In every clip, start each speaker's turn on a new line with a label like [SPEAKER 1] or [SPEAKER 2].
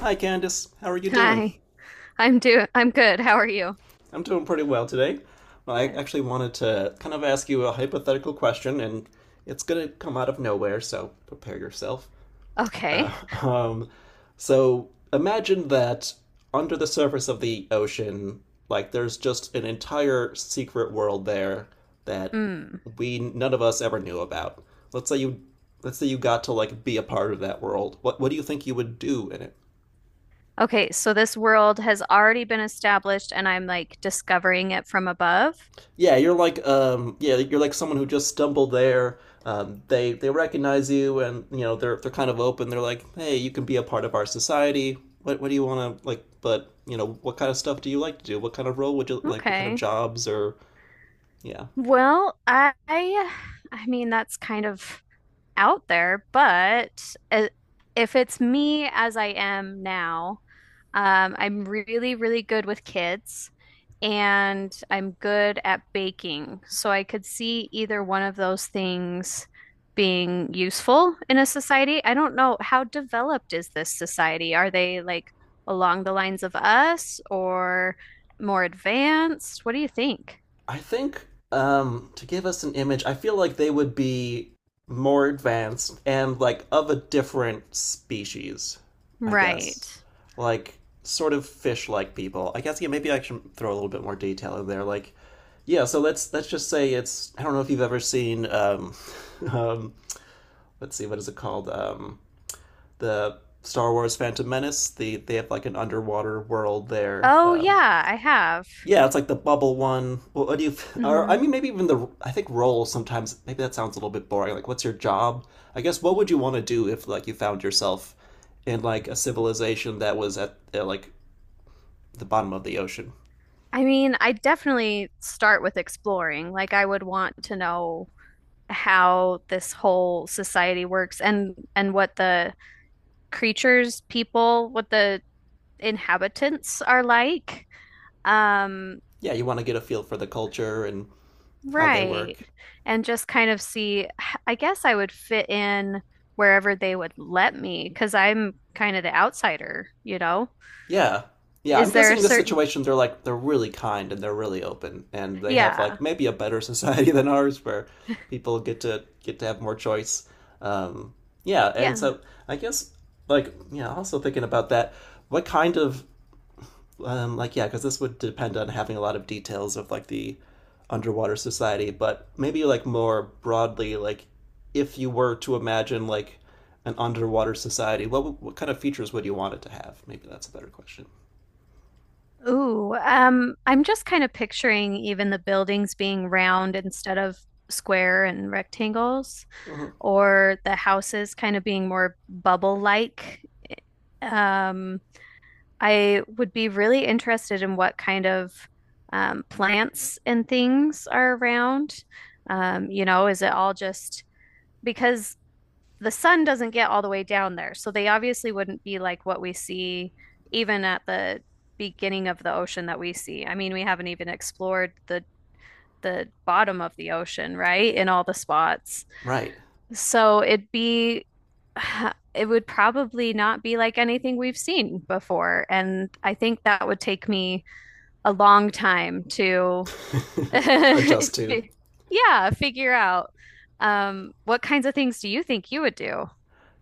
[SPEAKER 1] Hi, Candice. How are you doing?
[SPEAKER 2] Hi, I'm good. How are you?
[SPEAKER 1] I'm doing pretty well today. Well, I
[SPEAKER 2] Good.
[SPEAKER 1] actually wanted to kind of ask you a hypothetical question, and it's going to come out of nowhere, so prepare yourself.
[SPEAKER 2] Okay.
[SPEAKER 1] Uh, um, so imagine that under the surface of the ocean, like there's just an entire secret world there that
[SPEAKER 2] Mm.
[SPEAKER 1] we none of us ever knew about. Let's say you, let's say you got to like be a part of that world. What do you think you would do in it?
[SPEAKER 2] Okay, so this world has already been established and I'm like discovering it from above.
[SPEAKER 1] Yeah, you're like someone who just stumbled there. They recognize you, and you know they're kind of open. They're like, "Hey, you can be a part of our society. What do you want to like but, you know, what kind of stuff do you like to do? What kind of role would you like, what kind of
[SPEAKER 2] Okay.
[SPEAKER 1] jobs or yeah.
[SPEAKER 2] Well, I mean that's kind of out there, but if it's me as I am now, I'm really, really good with kids and I'm good at baking. So I could see either one of those things being useful in a society. I don't know, how developed is this society? Are they like along the lines of us or more advanced? What do you think?
[SPEAKER 1] I think to give us an image, I feel like they would be more advanced and like of a different species, I
[SPEAKER 2] Right.
[SPEAKER 1] guess. Like sort of fish-like people. I guess yeah, maybe I should throw a little bit more detail in there. Like, yeah, so let's just say it's I don't know if you've ever seen um let's see what is it called the Star Wars Phantom Menace. They have like an underwater world there.
[SPEAKER 2] Oh, yeah, I have.
[SPEAKER 1] Yeah, it's like the bubble one. What do you? Or I
[SPEAKER 2] Hmm.
[SPEAKER 1] mean, maybe even the. I think role sometimes. Maybe that sounds a little bit boring. Like, what's your job? I guess what would you want to do if like you found yourself in like a civilization that was at like the bottom of the ocean?
[SPEAKER 2] I mean, I definitely start with exploring. Like, I would want to know how this whole society works and what the creatures, people, what the inhabitants are like. Um,
[SPEAKER 1] Yeah, you want to get a feel for the culture and how they
[SPEAKER 2] right.
[SPEAKER 1] work.
[SPEAKER 2] And just kind of see, I guess I would fit in wherever they would let me because I'm kind of the outsider, you know?
[SPEAKER 1] Yeah. Yeah, I'm
[SPEAKER 2] Is there
[SPEAKER 1] guessing
[SPEAKER 2] a
[SPEAKER 1] in this
[SPEAKER 2] certain,
[SPEAKER 1] situation they're really kind and they're really open, and they have
[SPEAKER 2] yeah,
[SPEAKER 1] like maybe a better society than ours where people get to have more choice. Um, yeah, and
[SPEAKER 2] yeah.
[SPEAKER 1] so I guess like yeah, also thinking about that, what kind of like yeah, because this would depend on having a lot of details of like the underwater society, but maybe like more broadly, like if you were to imagine like an underwater society, what kind of features would you want it to have? Maybe that's a better question.
[SPEAKER 2] Ooh, I'm just kind of picturing even the buildings being round instead of square and rectangles,
[SPEAKER 1] Mhm.
[SPEAKER 2] or the houses kind of being more bubble-like. Um, I would be really interested in what kind of plants and things are around. You know, is it all just because the sun doesn't get all the way down there? So they obviously wouldn't be like what we see even at the beginning of the ocean that we see. I mean, we haven't even explored the bottom of the ocean, right? In all the spots.
[SPEAKER 1] Right.
[SPEAKER 2] So it'd be, it would probably not be like anything we've seen before. And I think that would take me a long time to,
[SPEAKER 1] adjust to.
[SPEAKER 2] fi- yeah, figure out. What kinds of things do you think you would do?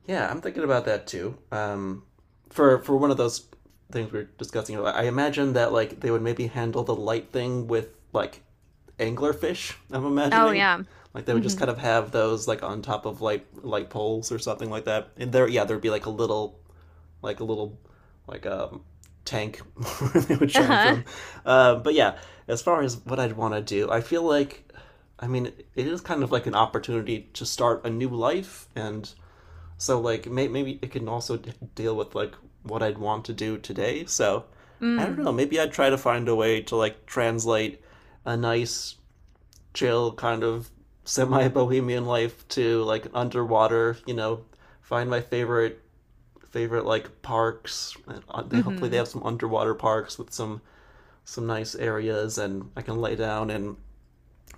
[SPEAKER 1] Yeah, I'm thinking about that too. For one of those things we were discussing, I imagine that like they would maybe handle the light thing with like anglerfish. I'm
[SPEAKER 2] Oh,
[SPEAKER 1] imagining
[SPEAKER 2] yeah.
[SPEAKER 1] like they would just
[SPEAKER 2] Mm-hmm.
[SPEAKER 1] kind of have those like on top of like light poles or something like that. And there, yeah, there'd be like a little like a little like tank where they would shine
[SPEAKER 2] Uh-huh.
[SPEAKER 1] from. But yeah, as far as what I'd want to do, I feel like, I mean, it is kind of like an opportunity to start a new life, and so like maybe it can also deal with like what I'd want to do today. So I don't
[SPEAKER 2] Mm.
[SPEAKER 1] know. Maybe I'd try to find a way to like translate a nice, chill kind of semi-bohemian life to like underwater. You know, find my favorite like parks. And, they hopefully they
[SPEAKER 2] Mm-hmm.
[SPEAKER 1] have some underwater parks with some nice areas, and I can lay down and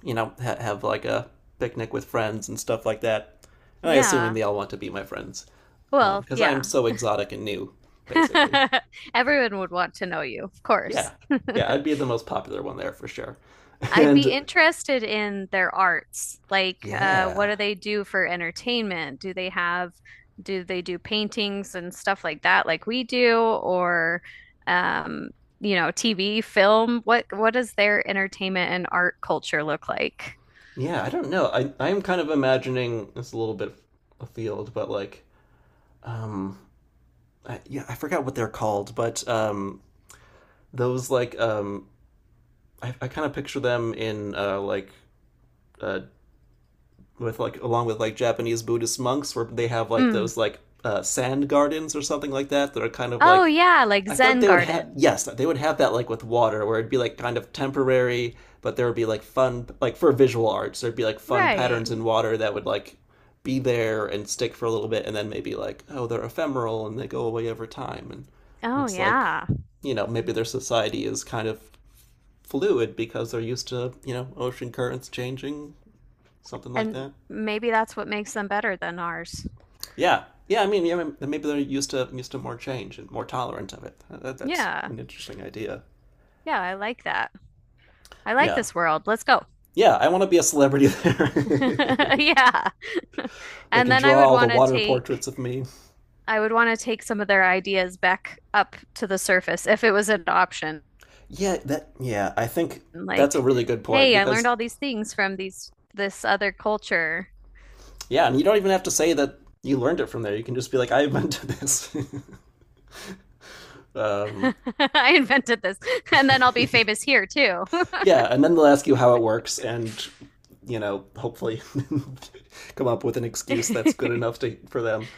[SPEAKER 1] you know have like a picnic with friends and stuff like that. And I assuming
[SPEAKER 2] Yeah.
[SPEAKER 1] they all want to be my friends
[SPEAKER 2] Well,
[SPEAKER 1] because I'm
[SPEAKER 2] yeah.
[SPEAKER 1] so exotic and new, basically.
[SPEAKER 2] Everyone would want to know you, of
[SPEAKER 1] Yeah,
[SPEAKER 2] course.
[SPEAKER 1] yeah, I'd be the most popular one there for sure.
[SPEAKER 2] I'd be
[SPEAKER 1] And
[SPEAKER 2] interested in their arts. Like, what
[SPEAKER 1] yeah,
[SPEAKER 2] do they do for entertainment? Do they have, do they do paintings and stuff like that, like we do, or, um, you know, TV, film? What does their entertainment and art culture look like?
[SPEAKER 1] yeah, I don't know. I'm kind of imagining it's a little bit afield, but like, um, I, yeah, I forgot what they're called, but those like I kind of picture them in like uh with like along with like Japanese Buddhist monks where they have like
[SPEAKER 2] Mm.
[SPEAKER 1] those like sand gardens or something like that that are kind of
[SPEAKER 2] Oh
[SPEAKER 1] like
[SPEAKER 2] yeah, like
[SPEAKER 1] I feel like
[SPEAKER 2] Zen
[SPEAKER 1] they would have
[SPEAKER 2] Garden.
[SPEAKER 1] yes they would have that like with water where it'd be like kind of temporary, but there would be like fun like for visual arts there'd be like fun patterns
[SPEAKER 2] Right.
[SPEAKER 1] in water that would like be there and stick for a little bit, and then maybe like oh they're ephemeral and they go away over time, and
[SPEAKER 2] Oh
[SPEAKER 1] that's like
[SPEAKER 2] yeah.
[SPEAKER 1] you know maybe their society is kind of fluid because they're used to you know ocean currents changing, something like
[SPEAKER 2] And
[SPEAKER 1] that.
[SPEAKER 2] maybe that's what makes them better than ours.
[SPEAKER 1] Yeah, yeah. I mean, yeah, maybe they're used to more change and more tolerant of it. That's
[SPEAKER 2] Yeah.
[SPEAKER 1] an interesting idea.
[SPEAKER 2] Yeah, I like that. I like
[SPEAKER 1] Yeah,
[SPEAKER 2] this world. Let's go.
[SPEAKER 1] yeah. I want to be a celebrity there.
[SPEAKER 2] Yeah.
[SPEAKER 1] they
[SPEAKER 2] And
[SPEAKER 1] can
[SPEAKER 2] then I
[SPEAKER 1] draw
[SPEAKER 2] would
[SPEAKER 1] all the
[SPEAKER 2] want to
[SPEAKER 1] water portraits
[SPEAKER 2] take
[SPEAKER 1] of me.
[SPEAKER 2] I would want to take some of their ideas back up to the surface if it was an option.
[SPEAKER 1] Yeah, that. Yeah, I think that's a
[SPEAKER 2] Like,
[SPEAKER 1] really good point
[SPEAKER 2] hey, I learned
[SPEAKER 1] because
[SPEAKER 2] all these things from these this other culture.
[SPEAKER 1] yeah, and you don't even have to say that you learned it from there. You can just be like, I invented this. um,
[SPEAKER 2] I invented this. And then I'll be famous here too.
[SPEAKER 1] Yeah, and then they'll ask you how it works, and you know, hopefully, come up with an excuse that's good enough to for them.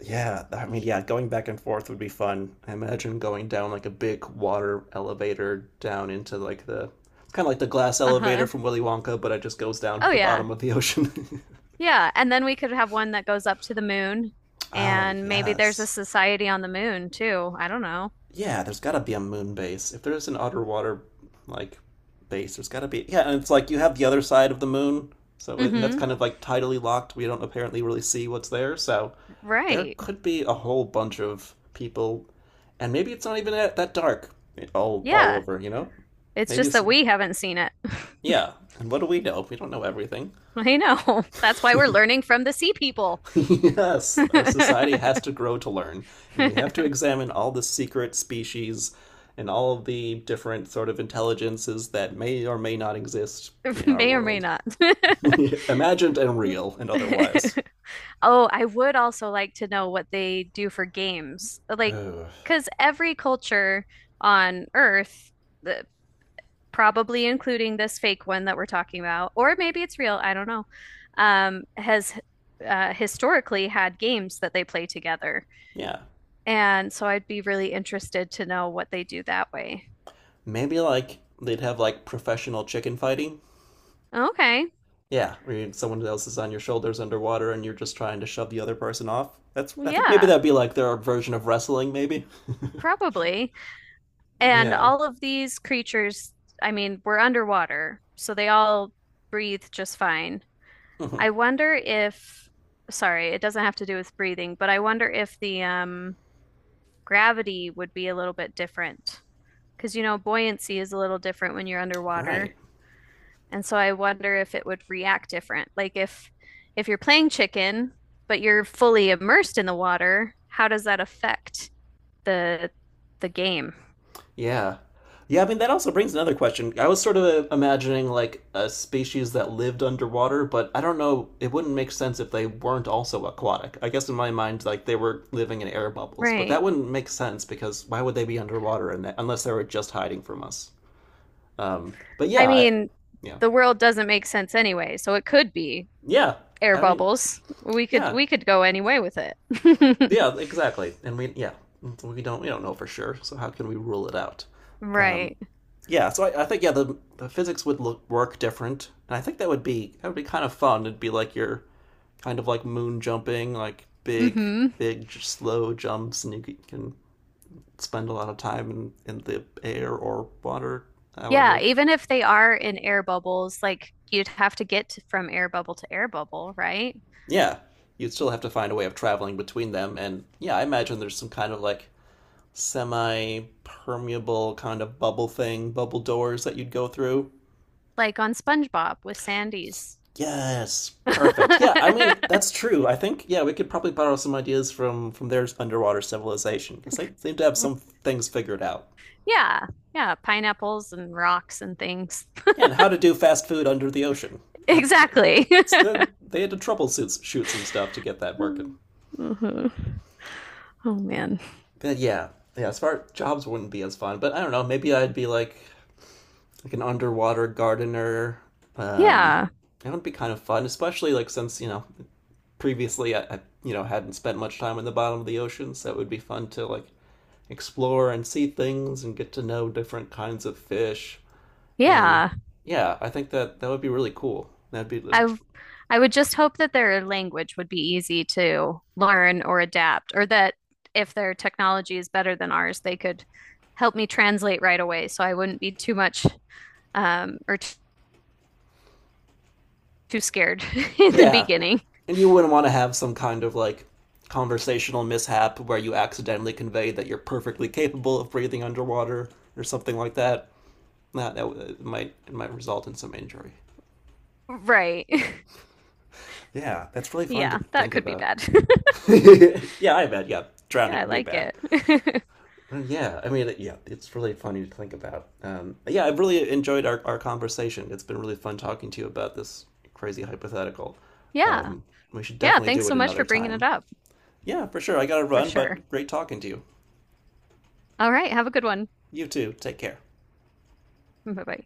[SPEAKER 1] Yeah, I mean, yeah, going back and forth would be fun. I imagine going down like a big water elevator down into like the kind of like the glass elevator
[SPEAKER 2] Uh-huh.
[SPEAKER 1] from Willy Wonka, but it just goes down to
[SPEAKER 2] Oh
[SPEAKER 1] the
[SPEAKER 2] yeah.
[SPEAKER 1] bottom of the ocean.
[SPEAKER 2] Yeah, and then we could have one that goes up to the moon
[SPEAKER 1] oh
[SPEAKER 2] and maybe there's a
[SPEAKER 1] yes,
[SPEAKER 2] society on the moon too. I don't know.
[SPEAKER 1] yeah, there's got to be a moon base. If there's an outer water like base, there's got to be. Yeah, and it's like you have the other side of the moon, so it, and that's
[SPEAKER 2] Mm-hmm.
[SPEAKER 1] kind of like tidally locked. We don't apparently really see what's there, so there
[SPEAKER 2] Right.
[SPEAKER 1] could be a whole bunch of people, and maybe it's not even that dark all
[SPEAKER 2] Yeah.
[SPEAKER 1] over. You know,
[SPEAKER 2] It's
[SPEAKER 1] maybe
[SPEAKER 2] just
[SPEAKER 1] it's
[SPEAKER 2] that we haven't seen it.
[SPEAKER 1] yeah. And what do we know? We don't know everything.
[SPEAKER 2] I know. That's why we're learning from the sea people.
[SPEAKER 1] yes,
[SPEAKER 2] May
[SPEAKER 1] our society has to grow to learn, and we have to examine all the secret species and all of the different sort of intelligences that may or may not exist in our
[SPEAKER 2] or may
[SPEAKER 1] world,
[SPEAKER 2] not.
[SPEAKER 1] imagined and real and otherwise.
[SPEAKER 2] Oh, I would also like to know what they do for games. Like,
[SPEAKER 1] Ugh.
[SPEAKER 2] because every culture on Earth, the, probably including this fake one that we're talking about, or maybe it's real, I don't know, has historically had games that they play together.
[SPEAKER 1] Yeah,
[SPEAKER 2] And so I'd be really interested to know what they do that way.
[SPEAKER 1] maybe like they'd have like professional chicken fighting.
[SPEAKER 2] Okay.
[SPEAKER 1] Yeah, where someone else is on your shoulders underwater and you're just trying to shove the other person off. That's I think maybe
[SPEAKER 2] Yeah,
[SPEAKER 1] that'd be like their version of wrestling, maybe.
[SPEAKER 2] probably. And
[SPEAKER 1] Yeah.
[SPEAKER 2] all of these creatures, I mean, were underwater, so they all breathe just fine.
[SPEAKER 1] Mhm.
[SPEAKER 2] I wonder if, sorry, it doesn't have to do with breathing, but I wonder if the gravity would be a little bit different. Because, you know, buoyancy is a little different when you're
[SPEAKER 1] Right.
[SPEAKER 2] underwater. And so I wonder if it would react different. Like, if you're playing chicken, but you're fully immersed in the water, how does that affect the the game?
[SPEAKER 1] Yeah. Yeah, I mean, that also brings another question. I was sort of imagining like a species that lived underwater, but I don't know, it wouldn't make sense if they weren't also aquatic. I guess in my mind, like they were living in air bubbles, but that
[SPEAKER 2] Right.
[SPEAKER 1] wouldn't make sense because why would they be underwater in that, unless they were just hiding from us? But
[SPEAKER 2] I
[SPEAKER 1] yeah, I,
[SPEAKER 2] mean,
[SPEAKER 1] yeah,
[SPEAKER 2] the world doesn't make sense anyway, so it could be
[SPEAKER 1] yeah.
[SPEAKER 2] air
[SPEAKER 1] I mean,
[SPEAKER 2] bubbles. We could
[SPEAKER 1] yeah,
[SPEAKER 2] we could go any way with it.
[SPEAKER 1] yeah, exactly. And we, yeah, we don't know for sure, so how can we rule it out? Um,
[SPEAKER 2] Right.
[SPEAKER 1] yeah, so I think yeah the physics would look work different, and I think that would be kind of fun. It'd be like you're kind of like moon jumping, like big
[SPEAKER 2] Hmm.
[SPEAKER 1] big slow jumps, and you can spend a lot of time in the air or water.
[SPEAKER 2] Yeah,
[SPEAKER 1] However,
[SPEAKER 2] even if they are in air bubbles, like you'd have to get to, from air bubble to air bubble, right?
[SPEAKER 1] yeah, you'd still have to find a way of traveling between them, and yeah, I imagine there's some kind of like semi permeable kind of bubble thing, bubble doors that you'd go through.
[SPEAKER 2] Like on SpongeBob with Sandy's.
[SPEAKER 1] Yes, perfect. Yeah, I mean that's true. I think yeah, we could probably borrow some ideas from their underwater civilization because they seem to have some things figured out.
[SPEAKER 2] Yeah, yeah, pineapples and rocks and things.
[SPEAKER 1] Yeah, and how to do fast food under the ocean. That,
[SPEAKER 2] Exactly.
[SPEAKER 1] that's the, they had to troubleshoot shoot some stuff to get that working.
[SPEAKER 2] Mhm. Oh man.
[SPEAKER 1] But yeah, yeah. As far jobs wouldn't be as fun, but I don't know. Maybe I'd be like an underwater gardener. Um,
[SPEAKER 2] Yeah.
[SPEAKER 1] that would be kind of fun, especially like since you know previously I you know hadn't spent much time in the bottom of the ocean, so it would be fun to like explore and see things and get to know different kinds of fish. And
[SPEAKER 2] Yeah.
[SPEAKER 1] yeah, I think that would be really cool. That'd be the-
[SPEAKER 2] I w- I would just hope that their language would be easy to learn or adapt, or that if their technology is better than ours, they could help me translate right away, so I wouldn't be too much or t too scared in the
[SPEAKER 1] yeah,
[SPEAKER 2] beginning.
[SPEAKER 1] and you wouldn't want to have some kind of like conversational mishap where you accidentally convey that you're perfectly capable of breathing underwater or something like that. That it might result in some injury.
[SPEAKER 2] Right.
[SPEAKER 1] Yeah, that's really fun to
[SPEAKER 2] Yeah, that
[SPEAKER 1] think
[SPEAKER 2] could be
[SPEAKER 1] about.
[SPEAKER 2] bad.
[SPEAKER 1] yeah, I bet. Yeah,
[SPEAKER 2] Yeah,
[SPEAKER 1] drowning
[SPEAKER 2] I
[SPEAKER 1] would be
[SPEAKER 2] like
[SPEAKER 1] bad.
[SPEAKER 2] it.
[SPEAKER 1] Yeah, I mean, yeah, it's really funny to think about. Yeah, I've really enjoyed our conversation. It's been really fun talking to you about this crazy hypothetical.
[SPEAKER 2] Yeah.
[SPEAKER 1] Um, we should
[SPEAKER 2] Yeah,
[SPEAKER 1] definitely
[SPEAKER 2] thanks
[SPEAKER 1] do it
[SPEAKER 2] so much
[SPEAKER 1] another
[SPEAKER 2] for bringing it
[SPEAKER 1] time.
[SPEAKER 2] up,
[SPEAKER 1] Yeah, for sure. I gotta
[SPEAKER 2] for
[SPEAKER 1] run,
[SPEAKER 2] sure.
[SPEAKER 1] but great talking to you.
[SPEAKER 2] All right, have a good one.
[SPEAKER 1] You too. Take care.
[SPEAKER 2] Bye-bye.